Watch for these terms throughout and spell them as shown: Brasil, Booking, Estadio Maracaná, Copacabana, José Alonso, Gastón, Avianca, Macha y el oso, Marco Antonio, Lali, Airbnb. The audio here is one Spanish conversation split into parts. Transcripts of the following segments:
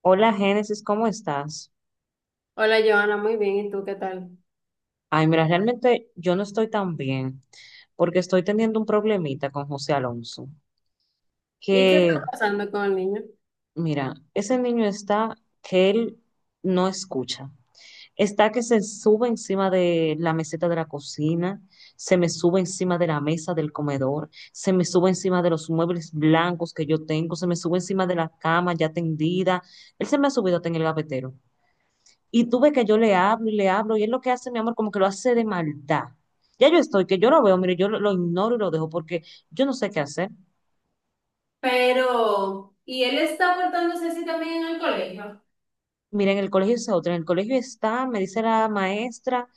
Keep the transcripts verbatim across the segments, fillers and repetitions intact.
Hola Génesis, ¿cómo estás? Hola, Joana, muy bien. ¿Y tú qué tal? Ay, mira, realmente yo no estoy tan bien porque estoy teniendo un problemita con José Alonso, ¿Y qué que está pasando con el niño? mira, ese niño está que él no escucha, está que se sube encima de la meseta de la cocina, se me sube encima de la mesa del comedor, se me sube encima de los muebles blancos que yo tengo, se me sube encima de la cama ya tendida, él se me ha subido hasta en el gavetero. Y tú ves que yo le hablo y le hablo, y él lo que hace, mi amor, como que lo hace de maldad. Ya yo estoy, que yo lo veo, mire, yo lo, lo ignoro y lo dejo porque yo no sé qué hacer. Pero, ¿y él está portándose así también en el colegio? Mira, en el colegio es otra, en el colegio está, me dice la maestra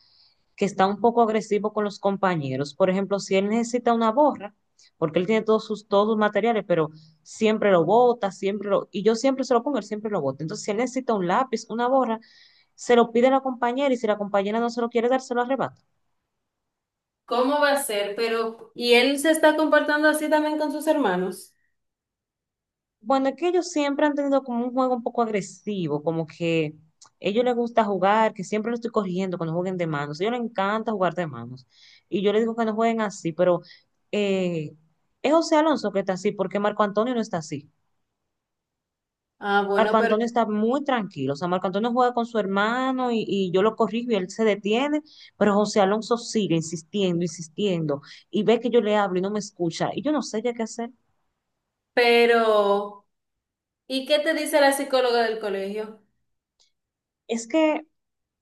que está un poco agresivo con los compañeros. Por ejemplo, si él necesita una borra, porque él tiene todos sus, todos sus materiales, pero siempre lo bota, siempre lo, y yo siempre se lo pongo, él siempre lo bota. Entonces, si él necesita un lápiz, una borra, se lo pide a la compañera y si la compañera no se lo quiere dar, se lo arrebata. ¿Cómo va a ser? Pero, ¿y él se está comportando así también con sus hermanos? Bueno, es que ellos siempre han tenido como un juego un poco agresivo, como que a ellos les gusta jugar, que siempre lo estoy corrigiendo cuando jueguen de manos. A ellos les encanta jugar de manos. Y yo les digo que no jueguen así, pero eh, es José Alonso que está así, porque Marco Antonio no está así. Ah, Marco bueno, pero... Antonio está muy tranquilo. O sea, Marco Antonio juega con su hermano y, y yo lo corrijo y él se detiene, pero José Alonso sigue insistiendo, insistiendo, y ve que yo le hablo y no me escucha. Y yo no sé ya qué hacer. Pero, ¿y qué te dice la psicóloga del colegio? Es que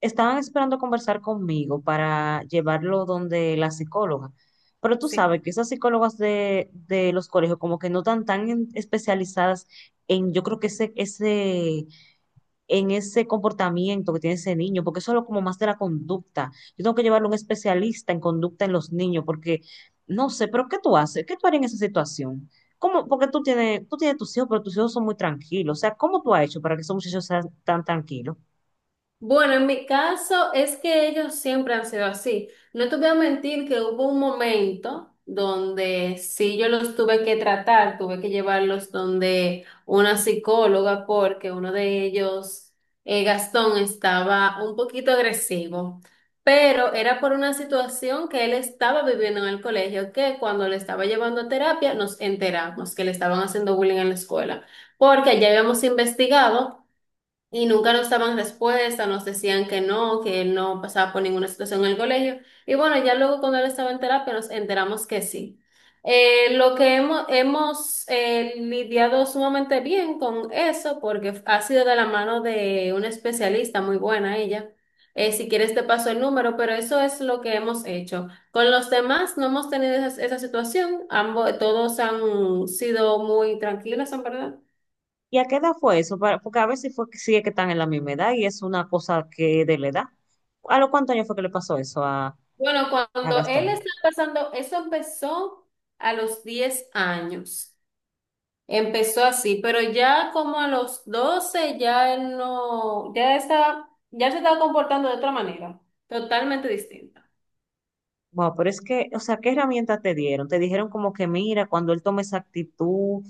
estaban esperando conversar conmigo para llevarlo donde la psicóloga. Pero tú Sí. sabes que esas psicólogas de, de los colegios como que no están tan en- especializadas en, yo creo que ese, ese, en ese comportamiento que tiene ese niño, porque eso es lo como más de la conducta. Yo tengo que llevarlo a un especialista en conducta en los niños, porque no sé, pero ¿qué tú haces? ¿Qué tú harías en esa situación? ¿Cómo? Porque tú tienes, tú tienes tus hijos, pero tus hijos son muy tranquilos. O sea, ¿cómo tú has hecho para que esos muchachos sean tan tranquilos? Bueno, en mi caso es que ellos siempre han sido así. No te voy a mentir que hubo un momento donde sí yo los tuve que tratar, tuve que llevarlos donde una psicóloga porque uno de ellos, eh, Gastón, estaba un poquito agresivo, pero era por una situación que él estaba viviendo en el colegio, que cuando le estaba llevando a terapia nos enteramos que le estaban haciendo bullying en la escuela, porque ya habíamos investigado. Y nunca nos daban respuesta, nos decían que no, que él no pasaba por ninguna situación en el colegio. Y bueno, ya luego cuando él estaba en terapia nos enteramos que sí. Eh, lo que hemos, hemos eh, lidiado sumamente bien con eso porque ha sido de la mano de una especialista muy buena ella. Eh, si quieres te paso el número, pero eso es lo que hemos hecho. Con los demás no hemos tenido esa, esa situación. Ambos, todos han sido muy tranquilos, en verdad. ¿Y a qué edad fue eso? Para- Porque a veces fue que sí es que están en la misma edad y es una cosa que de la edad. ¿A los cuántos años fue que le pasó eso a, Bueno, a cuando él Gastón? estaba pasando, eso empezó a los diez años. Empezó así, pero ya como a los doce ya él no, ya estaba, ya se estaba comportando de otra manera, totalmente distinta. Wow, pero es que, o sea, ¿qué herramientas te dieron? Te dijeron como que mira, cuando él tome esa actitud,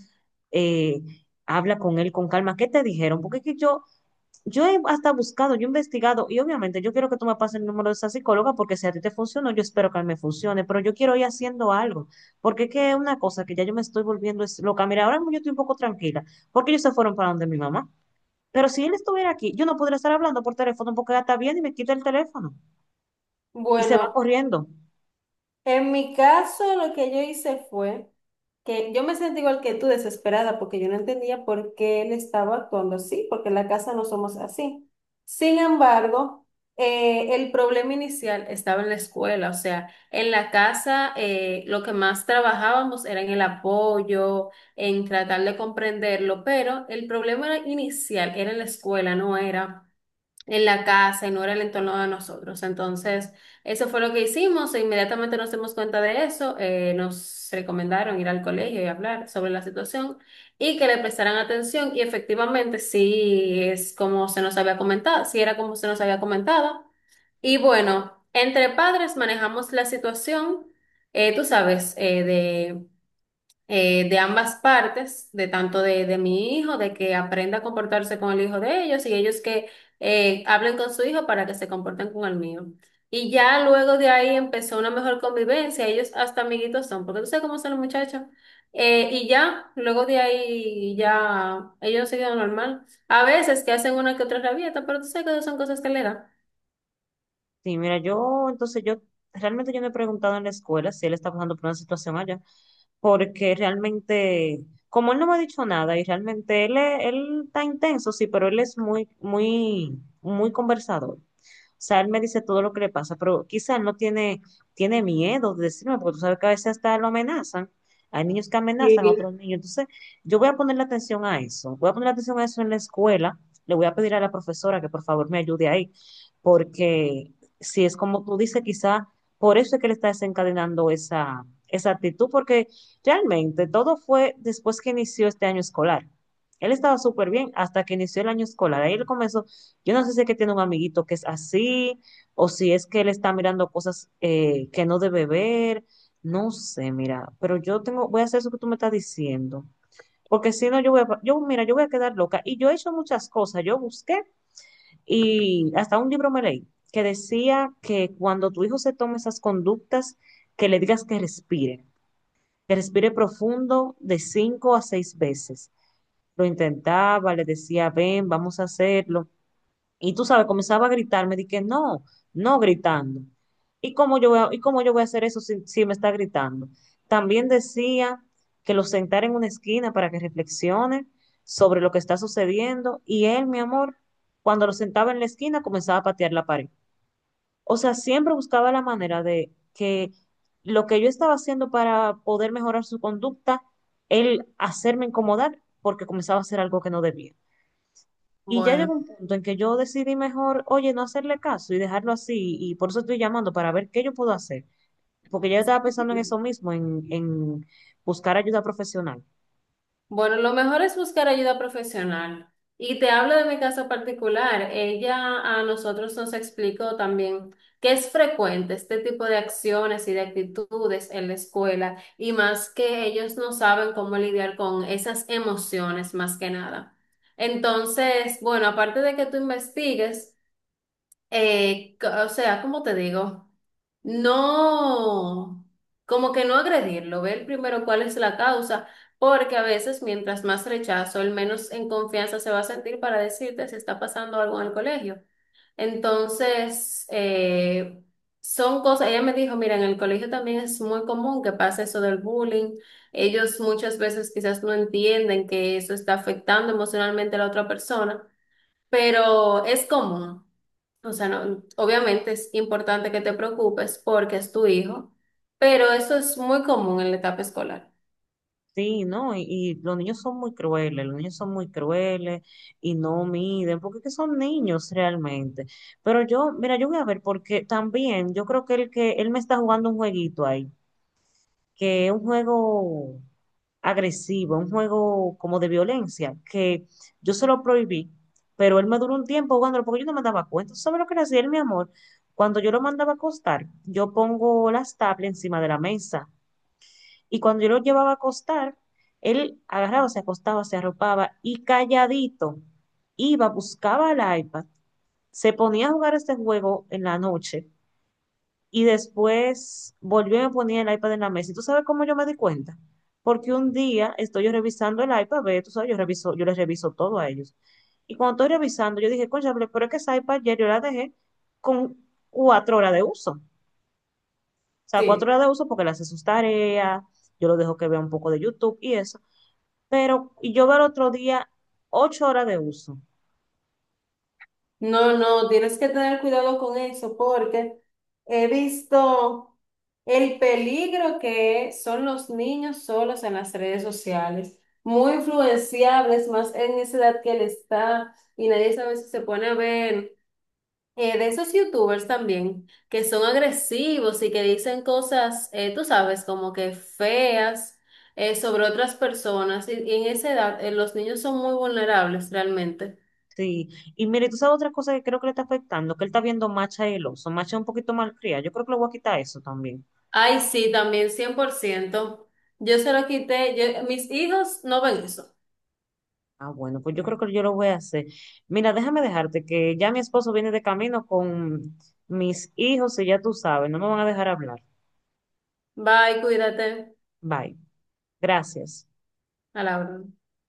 eh, habla con él con calma. ¿Qué te dijeron? Porque es que yo, Yo he hasta buscado, yo he investigado y obviamente yo quiero que tú me pases el número de esa psicóloga porque si a ti te funcionó, yo espero que a mí me funcione, pero yo quiero ir haciendo algo, porque es que es una cosa que ya yo me estoy volviendo es loca. Mira, ahora mismo yo estoy un poco tranquila porque ellos se fueron para donde mi mamá, pero si él estuviera aquí, yo no podría estar hablando por teléfono porque ella está bien y me quita el teléfono y se va Bueno, corriendo. en mi caso, lo que yo hice fue que yo me sentí igual que tú, desesperada, porque yo no entendía por qué él estaba actuando así, porque en la casa no somos así. Sin embargo, eh, el problema inicial estaba en la escuela, o sea, en la casa eh, lo que más trabajábamos era en el apoyo, en tratar de comprenderlo, pero el problema era- inicial era en la escuela, no era en la casa y no era el entorno de nosotros. Entonces, eso fue lo que hicimos. E inmediatamente nos dimos cuenta de eso. Eh, nos recomendaron ir al colegio y hablar sobre la situación y que le prestaran atención. Y efectivamente, sí es como se nos había comentado, sí era como se nos había comentado. Y bueno, entre padres manejamos la situación, eh, tú sabes, eh, eh, de ambas partes, de tanto de, de mi hijo, de que aprenda a comportarse con el hijo de ellos y ellos que eh, hablen con su hijo para que se comporten con el mío. Y ya luego de ahí empezó una mejor convivencia, ellos hasta amiguitos son, porque tú sabes cómo son los muchachos. Eh, y ya, luego de ahí ya ellos siguen normal. A veces que hacen una que otra rabieta, pero tú sabes que esas son cosas que le dan. Sí, mira, yo entonces yo realmente yo no he preguntado en la escuela si él está pasando por una situación allá, porque realmente, como él no me ha dicho nada y realmente él, es- él está intenso, sí, pero él es muy, muy, muy conversador sea, él me dice todo lo que le pasa, pero quizá él no tiene, tiene miedo de decirme, porque tú sabes que a veces hasta lo amenazan. Hay niños que amenazan a Sí. otros niños. Entonces, yo voy a ponerle atención a eso. Voy a poner atención a eso en la escuela. Le voy a pedir a la profesora que por favor me ayude ahí, porque si es como tú dices, quizá por eso es que le está desencadenando esa, esa actitud, porque realmente todo fue después que inició este año escolar. Él estaba súper bien hasta que inició el año escolar. Ahí él comenzó, yo no sé si es que tiene un amiguito que es así, o si es que él está mirando cosas eh, que no debe ver. No sé, mira, pero yo tengo, voy a hacer eso que tú me estás diciendo. Porque si no, yo voy a, yo, mira, yo voy a quedar loca. Y yo he hecho muchas cosas. Yo busqué y hasta un libro me leí que decía que cuando tu hijo se tome esas conductas, que le digas que respire, que respire profundo de cinco a seis veces. Lo intentaba, le decía, ven, vamos a hacerlo y tú sabes, comenzaba a gritarme, dije, no, no gritando. ¿Y cómo yo voy a, y cómo yo voy a hacer eso si, si me está gritando? También decía que lo sentara en una esquina para que reflexione sobre lo que está sucediendo. Y él, mi amor, cuando lo sentaba en la esquina, comenzaba a patear la pared. O sea, siempre buscaba la manera de que lo que yo estaba haciendo para poder mejorar su conducta, él hacerme incomodar porque comenzaba a hacer algo que no debía. Y ya Bueno. llegó un punto en que yo decidí mejor, oye, no hacerle caso y dejarlo así. Y por eso estoy llamando para ver qué yo puedo hacer. Porque ya yo estaba pensando en eso mismo, en, en buscar ayuda profesional. Bueno, lo mejor es buscar ayuda profesional. Y te hablo de mi caso particular. Ella a nosotros nos explicó también que es frecuente este tipo de acciones y de actitudes en la escuela y más que ellos no saben cómo lidiar con esas emociones más que nada. Entonces, bueno, aparte de que tú investigues, eh, c- o sea, ¿cómo te digo? No, como que no agredirlo, ver primero cuál es la causa, porque a veces mientras más rechazo, el menos en confianza se va a sentir para decirte si está pasando algo en el colegio. Entonces, eh, son cosas, ella me dijo, mira, en el colegio también es muy común que pase eso del bullying. Ellos muchas veces quizás no entienden que eso está afectando emocionalmente a la otra persona, pero es común. O sea, no, obviamente es importante que te preocupes porque es tu hijo, pero eso es muy común en la etapa escolar. Sí, ¿no? Y, y los niños son muy crueles, los niños son muy crueles y no miden, porque es que son niños realmente. Pero yo, mira, yo voy a ver, porque también yo creo que el que él me está jugando un jueguito ahí. Que es un juego agresivo, un juego como de violencia, que yo se lo prohibí, pero él me duró un tiempo jugándolo porque yo no me daba cuenta. ¿Tú ¿Sabes lo que era él, mi amor? Cuando yo lo mandaba a acostar, yo pongo las tablas encima de la mesa y cuando yo lo llevaba a acostar, él agarraba, se acostaba, se arropaba y calladito iba, buscaba el iPad, se ponía a jugar este juego en la noche y después volvió y me ponía el iPad en la mesa. ¿Y tú sabes cómo yo me di cuenta? Porque un día estoy yo revisando el iPad, ve, tú sabes, yo reviso, yo les reviso todo a ellos. Y cuando estoy revisando, yo dije, cónchale, pero es que esa iPad ayer yo la dejé con cuatro horas de uso. O sea, cuatro Sí, horas de uso porque le hace sus tareas, yo lo dejo que vea un poco de YouTube y eso. Pero y yo veo el otro día ocho horas de uso. no, no, tienes que tener cuidado con eso porque he visto el peligro que son los niños solos en las redes sociales, muy influenciables más en esa edad que él está y nadie sabe si se pone a ver. Eh, de esos youtubers también, que son agresivos y que dicen cosas, eh, tú sabes, como que feas eh, sobre otras personas. Y, y en esa edad, eh, los niños son muy vulnerables realmente. Sí, y mire, tú sabes otra cosa que creo que le está afectando, que él está viendo Macha y el oso. Macha es un poquito malcriada. Yo creo que le voy a quitar eso también. Ay, sí, también cien por ciento. Yo se lo quité. Yo- mis hijos no ven eso. Ah, bueno, pues yo creo que yo lo voy a hacer. Mira, déjame dejarte que ya mi esposo viene de camino con mis hijos y ya tú sabes, no me van a dejar hablar. Bye, cuídate. Bye. Gracias. A la orden.